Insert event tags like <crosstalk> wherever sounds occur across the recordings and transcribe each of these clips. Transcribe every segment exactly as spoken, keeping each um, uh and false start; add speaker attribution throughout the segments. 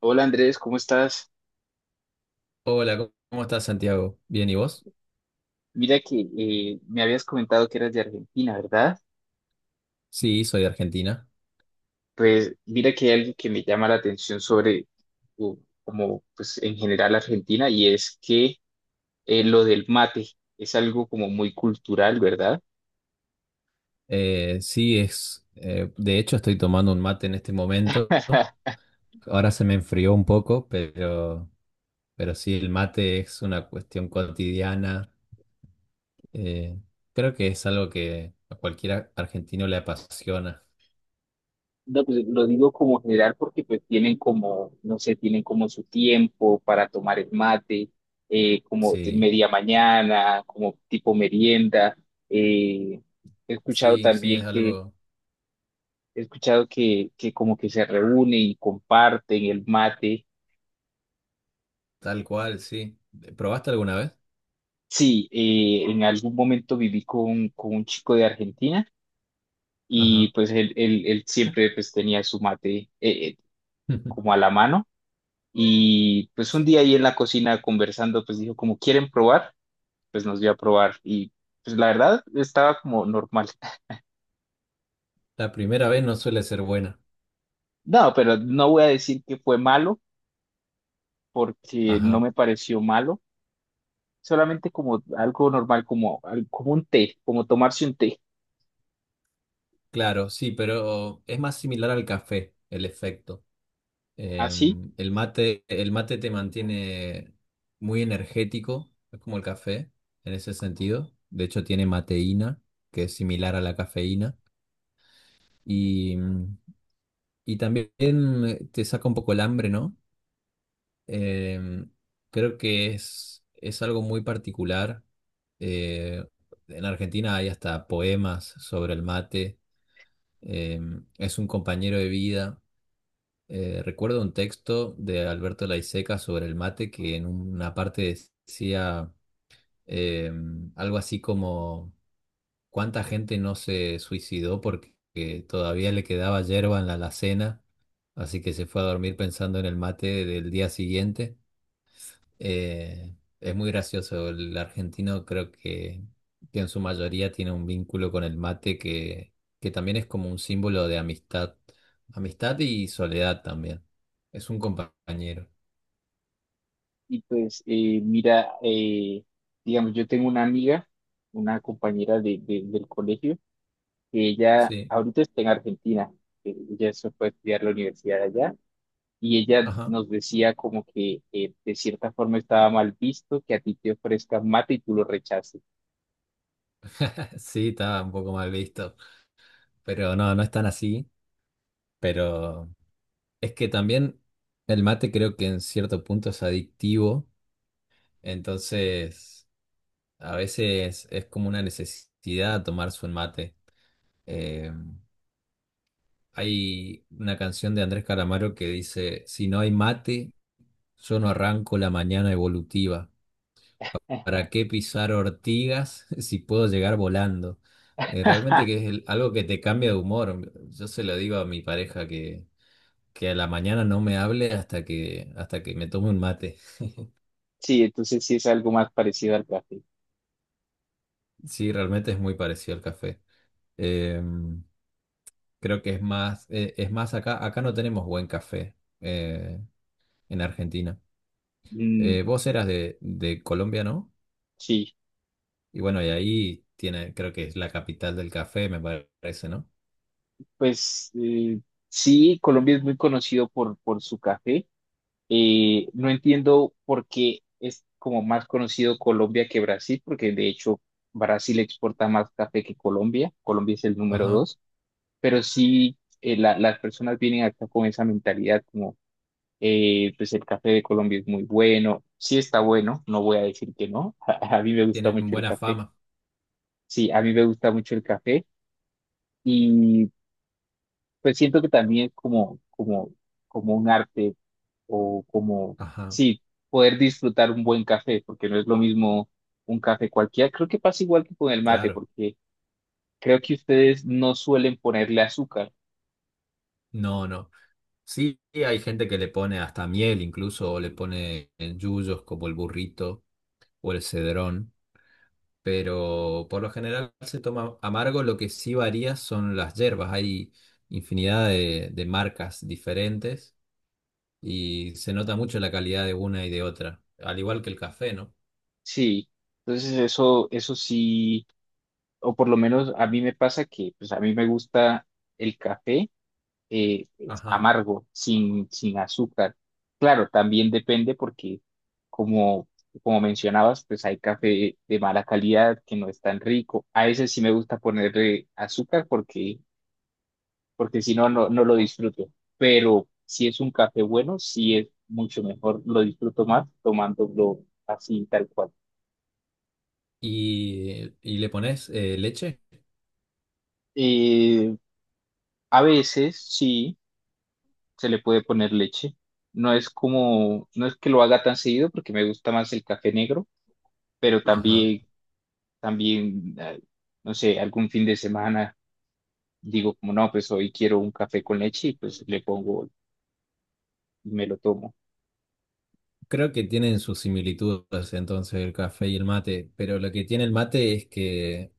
Speaker 1: Hola Andrés, ¿cómo estás?
Speaker 2: Hola, ¿cómo cómo estás, Santiago? Bien, ¿y vos?
Speaker 1: Mira que eh, me habías comentado que eras de Argentina, ¿verdad?
Speaker 2: Sí, soy de Argentina.
Speaker 1: Pues mira que hay algo que me llama la atención sobre, u- como pues en general Argentina, y es que eh, lo del mate es algo como muy cultural, ¿verdad?
Speaker 2: Eh, sí, es. Eh, de hecho, estoy tomando un mate en este momento.
Speaker 1: <laughs>
Speaker 2: Ahora se me enfrió un poco, pero, pero sí, el mate es una cuestión cotidiana. Eh, Creo que es algo que a cualquier argentino le apasiona.
Speaker 1: No, pues lo digo como general porque pues tienen como, no sé, tienen como su tiempo para tomar el mate, eh, como de
Speaker 2: Sí,
Speaker 1: media mañana, como tipo merienda. eh, he escuchado
Speaker 2: sí, sí,
Speaker 1: también
Speaker 2: es
Speaker 1: que
Speaker 2: algo
Speaker 1: He escuchado que, que como que se reúne y comparten el mate.
Speaker 2: tal cual, sí. ¿Probaste alguna vez?
Speaker 1: Sí, eh, en algún momento viví con, con un chico de Argentina y
Speaker 2: Ajá.
Speaker 1: pues él, él, él siempre pues tenía su mate eh, eh, como
Speaker 2: <laughs>
Speaker 1: a la mano y pues un día ahí en la cocina conversando pues dijo como quieren probar, pues nos dio a probar y pues la verdad estaba como normal. <laughs>
Speaker 2: La primera vez no suele ser buena.
Speaker 1: No, pero no voy a decir que fue malo porque no
Speaker 2: Ajá.
Speaker 1: me pareció malo, solamente como algo normal, como, al- como un té, como tomarse un té.
Speaker 2: Claro, sí, pero es más similar al café el efecto.
Speaker 1: Así.
Speaker 2: Em, el mate, el mate te mantiene muy energético, es como el café en ese sentido. De hecho, tiene mateína, que es similar a la cafeína. Y, mm, y también eh, te saca un poco el hambre, ¿no? Em, Creo que es, es algo muy particular. Eh, en Argentina hay hasta poemas sobre el mate. Em, es un compañero de vida. Eh, recuerdo un texto de Alberto Laiseca sobre el mate que en una parte decía eh, algo así como ¿cuánta gente no se suicidó porque que todavía le quedaba yerba en la alacena? Así que se fue a dormir pensando en el mate del día siguiente. Eh, es muy gracioso. El argentino creo que, que en su mayoría tiene un vínculo con el mate que, que también es como un símbolo de amistad. Amistad y soledad también. Es un compañero.
Speaker 1: Y pues, eh, mira, eh, digamos, yo tengo una amiga, una compañera de, de- del colegio, que ella
Speaker 2: Sí.
Speaker 1: ahorita está en Argentina, eh, ella se fue a estudiar la universidad allá, y ella
Speaker 2: Ajá.
Speaker 1: nos decía como que eh, de cierta forma estaba mal visto que a ti te ofrezcan mate y tú lo rechaces.
Speaker 2: <laughs> Sí, está un poco mal visto. Pero no, no es tan así. Pero es que también el mate creo que en cierto punto es adictivo. Entonces, a veces es como una necesidad tomar su mate. Eh, Hay una canción de Andrés Calamaro que dice, si no hay mate, yo no arranco la mañana evolutiva. ¿Para qué pisar ortigas <laughs> si puedo llegar volando? Eh, realmente que es
Speaker 1: <laughs>
Speaker 2: el- algo que te cambia de humor. Yo se lo digo a mi pareja que, que a la mañana no me hable hasta que, hasta que me tome un mate.
Speaker 1: Sí, entonces sí es algo más parecido al café.
Speaker 2: Sí, realmente es muy parecido al café. Eh, Creo que es más, eh, es más acá, acá no tenemos buen café eh, en Argentina.
Speaker 1: Mm,
Speaker 2: Eh, vos eras de, de Colombia, ¿no?
Speaker 1: sí,
Speaker 2: Y bueno, y ahí tiene, creo que es la capital del café, me parece, ¿no?
Speaker 1: pues eh, sí, Colombia es muy conocido por, por su café. Eh, no entiendo por qué es como más conocido Colombia que Brasil, porque de hecho Brasil exporta más café que Colombia. Colombia es el número
Speaker 2: Ajá.
Speaker 1: dos, pero sí eh, la- las personas vienen acá con esa mentalidad como, eh, pues el café de Colombia es muy bueno, sí está bueno, no voy a decir que no, <laughs> a a mí me gusta
Speaker 2: Tienen
Speaker 1: mucho el
Speaker 2: buena
Speaker 1: café,
Speaker 2: fama.
Speaker 1: sí, a mí me gusta mucho el café y pues siento que también es como, como, como un arte o como,
Speaker 2: Ajá,
Speaker 1: sí, poder disfrutar un buen café, porque no es lo mismo un café cualquiera. Creo que pasa igual que con el mate,
Speaker 2: claro.
Speaker 1: porque creo que ustedes no suelen ponerle azúcar.
Speaker 2: No, no. Sí, hay gente que le pone hasta miel incluso, o le pone en yuyos como el burrito o el cedrón, pero por lo general se toma amargo. Lo que sí varía son las hierbas. Hay infinidad de, de marcas diferentes y se nota mucho la calidad de una y de otra, al igual que el café, ¿no?
Speaker 1: Sí, entonces eso, eso sí, o por lo menos a mí me pasa que, pues a mí me gusta el café eh,
Speaker 2: Ajá.
Speaker 1: amargo, sin, sin azúcar. Claro, también depende porque, como, como mencionabas, pues hay café de mala calidad que no es tan rico. A ese sí me gusta ponerle azúcar porque, porque si no, no, no lo disfruto. Pero si es un café bueno, sí es mucho mejor, lo disfruto más tomándolo así, tal cual.
Speaker 2: Y, y le pones eh, leche.
Speaker 1: Eh, a veces sí se le puede poner leche. No es como, no es que lo haga tan seguido porque me gusta más el café negro pero
Speaker 2: Ajá.
Speaker 1: también, también, eh, no sé, algún fin de semana digo como no, pues hoy quiero un café con leche y pues le pongo y me lo tomo.
Speaker 2: Creo que tienen sus similitudes entonces el café y el mate, pero lo que tiene el mate es que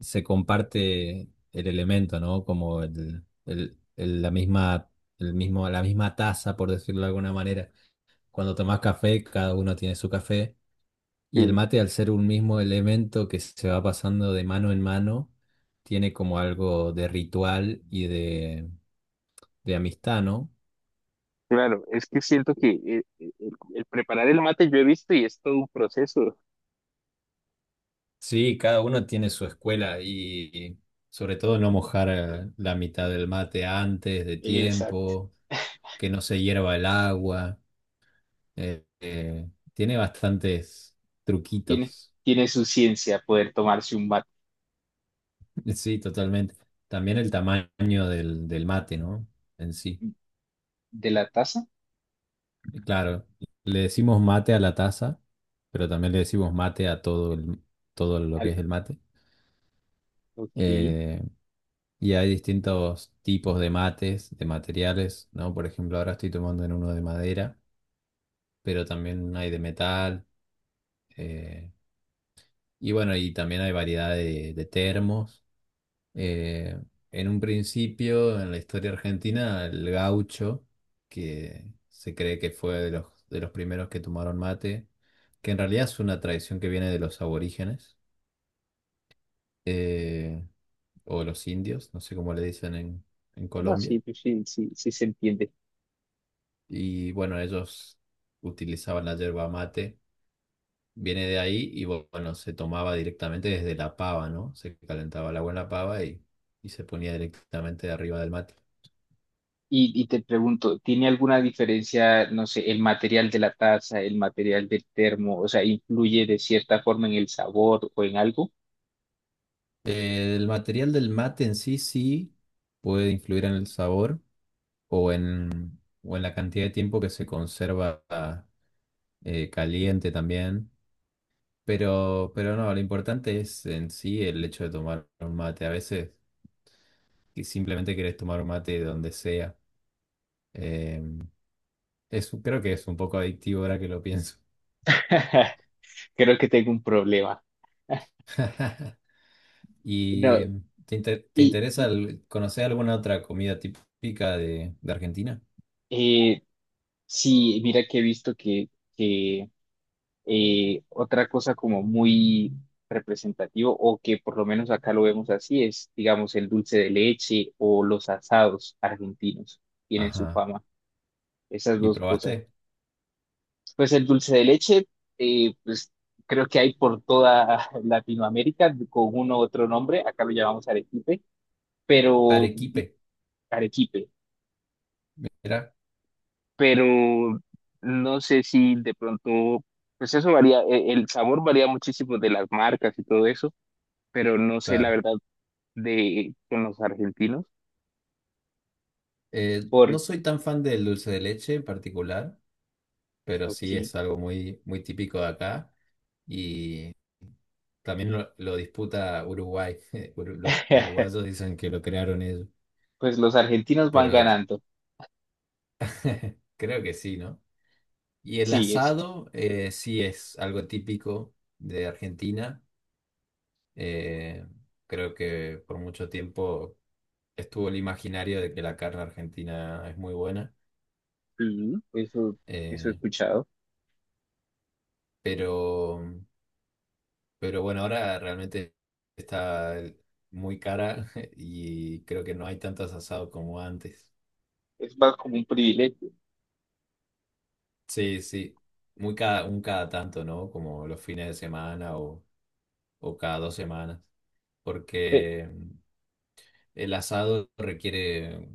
Speaker 2: se comparte el elemento, ¿no? Como el, el- el- la misma, el mismo, la misma taza, por decirlo de alguna manera. Cuando tomás café, cada uno tiene su café. Y el
Speaker 1: Sí,
Speaker 2: mate, al ser un mismo elemento que se va pasando de mano en mano, tiene como algo de ritual y de, de amistad, ¿no?
Speaker 1: claro, es que siento que eh, eh, el, el preparar el mate yo he visto y es todo un proceso.
Speaker 2: Sí, cada uno tiene su escuela y sobre todo no mojar eh, la mitad del mate antes de
Speaker 1: Exacto.
Speaker 2: tiempo, que no se hierva el agua. Eh, eh, tiene bastantes
Speaker 1: Tiene,
Speaker 2: truquitos.
Speaker 1: tiene su ciencia poder tomarse un mate
Speaker 2: <laughs> Sí, totalmente. También el tamaño del, del mate, ¿no? En sí.
Speaker 1: de la taza.
Speaker 2: Claro, le decimos mate a la taza, pero también le decimos mate a todo, el- todo lo que
Speaker 1: Al-
Speaker 2: es el mate.
Speaker 1: ok.
Speaker 2: Eh, Y hay distintos tipos de mates, de materiales, ¿no? Por ejemplo, ahora estoy tomando en uno de madera, pero también hay de metal. eh, y bueno, y también hay variedad de, de termos. Eh, en un principio, en la historia argentina, el gaucho, que se cree que fue de los, de los primeros que tomaron mate, que en realidad es una tradición que viene de los aborígenes, eh, o los indios, no sé cómo le dicen en en
Speaker 1: No,
Speaker 2: Colombia.
Speaker 1: sí, pues sí, sí, sí se entiende.
Speaker 2: Y bueno, ellos utilizaban la yerba mate, viene de ahí y bu- bueno, se tomaba directamente desde la pava, ¿no? Se calentaba el agua en la pava y, y se ponía directamente arriba del mate.
Speaker 1: Y, y te pregunto, ¿tiene alguna diferencia, no sé, el material de la taza, el material del termo? O sea, ¿influye de cierta forma en el sabor o en algo?
Speaker 2: Eh, el material del mate en sí sí puede influir en el sabor o en, o en la cantidad de tiempo que se conserva eh, caliente también, pero, pero no, lo importante es en sí el hecho de tomar un mate. A veces que simplemente querés tomar un mate donde sea. Eh, es, creo que es un poco adictivo ahora que lo pienso.
Speaker 1: <laughs> Creo que tengo un problema.
Speaker 2: <laughs> ¿Y
Speaker 1: No,
Speaker 2: em, te, inter- te
Speaker 1: y,
Speaker 2: interesa
Speaker 1: y,
Speaker 2: el- conocer alguna otra comida típica de, de Argentina?
Speaker 1: eh, sí, mira que he visto que, que, eh, otra cosa como muy representativo, o que por lo menos acá lo vemos así, es, digamos, el dulce de leche o los asados argentinos. Tienen su
Speaker 2: Ajá.
Speaker 1: fama, esas
Speaker 2: ¿Y
Speaker 1: dos cosas.
Speaker 2: probaste
Speaker 1: Pues el dulce de leche, eh, pues creo que hay por toda <laughs> Latinoamérica con uno u otro nombre, acá lo llamamos arequipe, pero
Speaker 2: arequipe?
Speaker 1: arequipe,
Speaker 2: Mira,
Speaker 1: pero no sé si de pronto, pues eso varía, e- el sabor varía muchísimo de las marcas y todo eso, pero no sé la
Speaker 2: claro.
Speaker 1: verdad de con los argentinos,
Speaker 2: Eh, no
Speaker 1: porque
Speaker 2: soy tan fan del dulce de leche en particular, pero sí es algo muy, muy típico de acá y también lo, lo disputa Uruguay. <laughs> Uru- Los
Speaker 1: <laughs>
Speaker 2: uruguayos dicen que lo crearon ellos,
Speaker 1: pues los argentinos van
Speaker 2: pero
Speaker 1: ganando,
Speaker 2: <laughs> creo que sí, ¿no? Y el
Speaker 1: sí, es,
Speaker 2: asado eh, sí es algo típico de Argentina. Eh, Creo que por mucho tiempo estuvo el imaginario de que la carne argentina es muy buena.
Speaker 1: sí, eso, eso he
Speaker 2: eh,
Speaker 1: escuchado,
Speaker 2: pero, pero bueno, ahora realmente está muy cara <laughs> y creo que no hay tantos asados como antes.
Speaker 1: es más como un privilegio.
Speaker 2: Sí, sí. Muy cada, un cada tanto, ¿no? Como los fines de semana o, o cada dos semanas.
Speaker 1: Pe-
Speaker 2: Porque el asado requiere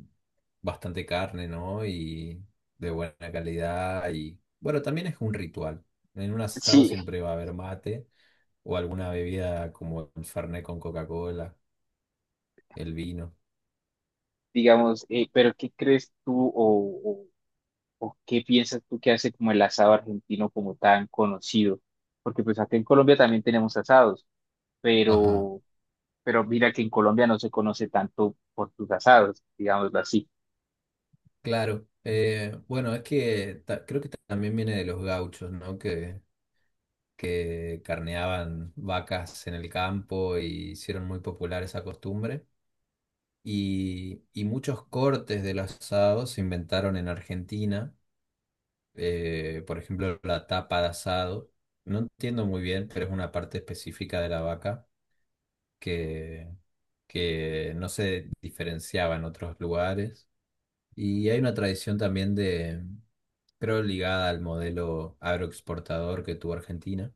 Speaker 2: bastante carne, ¿no? Y de buena calidad. Y bueno, también es un ritual. En un asado
Speaker 1: Sí,
Speaker 2: siempre va a haber mate o alguna bebida como el Fernet con Coca-Cola, el vino.
Speaker 1: digamos, eh, pero ¿qué crees tú o, o, o qué piensas tú que hace como el asado argentino como tan conocido? Porque pues acá en Colombia también tenemos asados,
Speaker 2: Ajá,
Speaker 1: pero, pero mira que en Colombia no se conoce tanto por sus asados, digámoslo así.
Speaker 2: claro. Eh, bueno, es que ta- creo que también viene de los gauchos, ¿no? Que, que carneaban vacas en el campo y hicieron muy popular esa costumbre. Y, y muchos cortes del asado se inventaron en Argentina. Eh, por ejemplo, la tapa de asado. No entiendo muy bien, pero es una parte específica de la vaca que, que no se diferenciaba en otros lugares. Y hay una tradición también de, creo, ligada al modelo agroexportador que tuvo Argentina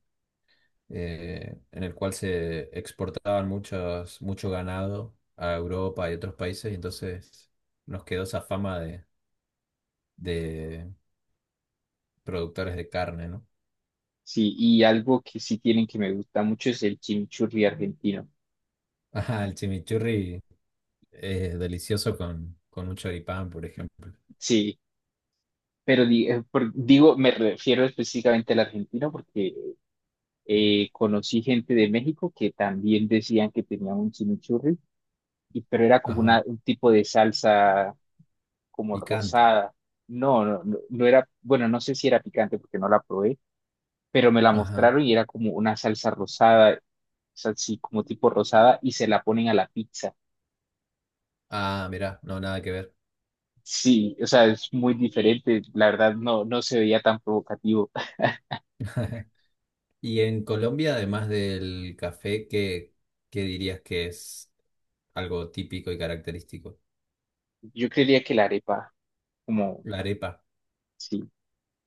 Speaker 2: eh, en el cual se exportaban muchos, mucho ganado a Europa y otros países, y entonces nos quedó esa fama de, de productores de carne, ¿no?
Speaker 1: Sí, y algo que sí tienen que me gusta mucho es el chimichurri argentino.
Speaker 2: <laughs> Ajá, el chimichurri es delicioso con, con un choripán, por ejemplo.
Speaker 1: Sí, pero di- eh, por- digo, me refiero específicamente al argentino porque eh, conocí gente de México que también decían que tenían un chimichurri y- pero era como una,
Speaker 2: Ajá,
Speaker 1: un tipo de salsa como
Speaker 2: picante.
Speaker 1: rosada. No, no, no, no era, bueno, no sé si era picante porque no la probé, pero me la
Speaker 2: Ajá.
Speaker 1: mostraron y era como una salsa rosada, o sea, sí, como tipo rosada y se la ponen a la pizza.
Speaker 2: Ah, mirá, no, nada que ver.
Speaker 1: Sí, o sea, es muy diferente, la verdad no, no se veía tan provocativo.
Speaker 2: <laughs> Y en Colombia, además del café, ¿qué, qué dirías que es algo típico y característico?
Speaker 1: Yo creería que la arepa, como,
Speaker 2: La arepa.
Speaker 1: sí,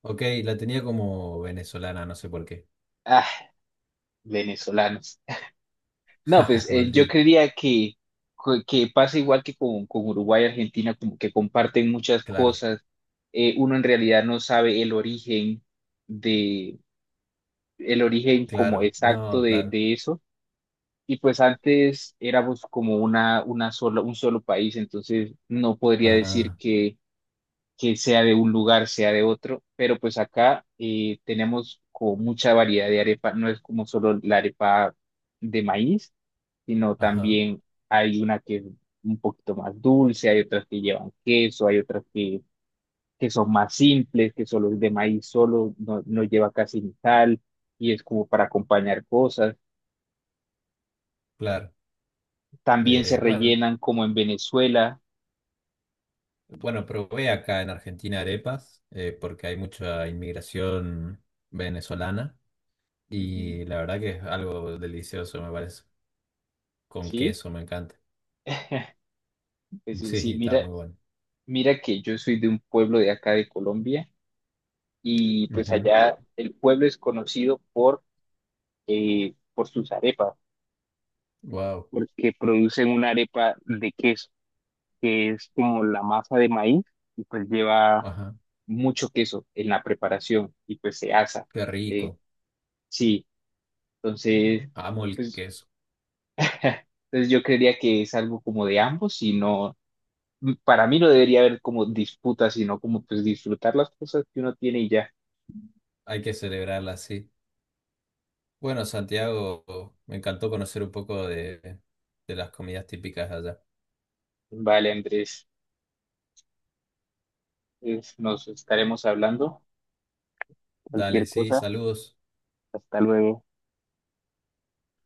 Speaker 2: Ok, la tenía como venezolana, no sé por qué.
Speaker 1: ah, venezolanos. No, pues
Speaker 2: <laughs>
Speaker 1: eh, yo
Speaker 2: Maldito,
Speaker 1: creería que, co- que pasa igual que con, con Uruguay y Argentina, como que comparten muchas
Speaker 2: claro,
Speaker 1: cosas. Eh, uno en realidad no sabe el origen de, el origen como
Speaker 2: claro,
Speaker 1: exacto
Speaker 2: no,
Speaker 1: de,
Speaker 2: claro,
Speaker 1: de eso. Y pues antes éramos como una, una sola, un solo país, entonces no podría decir
Speaker 2: ajá,
Speaker 1: que, que sea de un lugar, sea de otro, pero pues acá eh, tenemos como mucha variedad de arepa, no es como solo la arepa de maíz sino
Speaker 2: ajá,
Speaker 1: también hay una que es un poquito más dulce, hay otras que llevan queso, hay otras que, que son más simples, que solo es de maíz solo, no, no lleva casi ni sal y es como para acompañar cosas.
Speaker 2: claro.
Speaker 1: También se
Speaker 2: Eh, bueno,
Speaker 1: rellenan como en Venezuela.
Speaker 2: bueno, probé acá en Argentina arepas eh, porque hay mucha inmigración venezolana
Speaker 1: Ujú.
Speaker 2: y la verdad que es algo delicioso, me parece. Con
Speaker 1: ¿Sí?
Speaker 2: queso, me encanta. <laughs>
Speaker 1: Es sí
Speaker 2: Sí,
Speaker 1: sí,
Speaker 2: está
Speaker 1: mira,
Speaker 2: muy bueno.
Speaker 1: mira que yo soy de un pueblo de acá de Colombia y pues allá el pueblo es conocido por, eh, por sus arepas,
Speaker 2: Wow,
Speaker 1: porque producen una arepa de queso, que es como la masa de maíz y pues lleva
Speaker 2: ajá,
Speaker 1: mucho queso en la preparación y pues se asa.
Speaker 2: qué
Speaker 1: Eh,
Speaker 2: rico.
Speaker 1: sí, entonces,
Speaker 2: Amo el
Speaker 1: pues,
Speaker 2: queso.
Speaker 1: <laughs> entonces yo creería que es algo como de ambos y no, mm, para mí no debería haber como disputas, sino como pues disfrutar las cosas que uno tiene y ya.
Speaker 2: Hay que celebrarla así. Bueno, Santiago, me encantó conocer un poco de, de las comidas típicas de allá.
Speaker 1: Vale, Andrés, pues, nos estaremos hablando.
Speaker 2: Dale,
Speaker 1: Cualquier
Speaker 2: sí,
Speaker 1: cosa,
Speaker 2: saludos.
Speaker 1: hasta luego.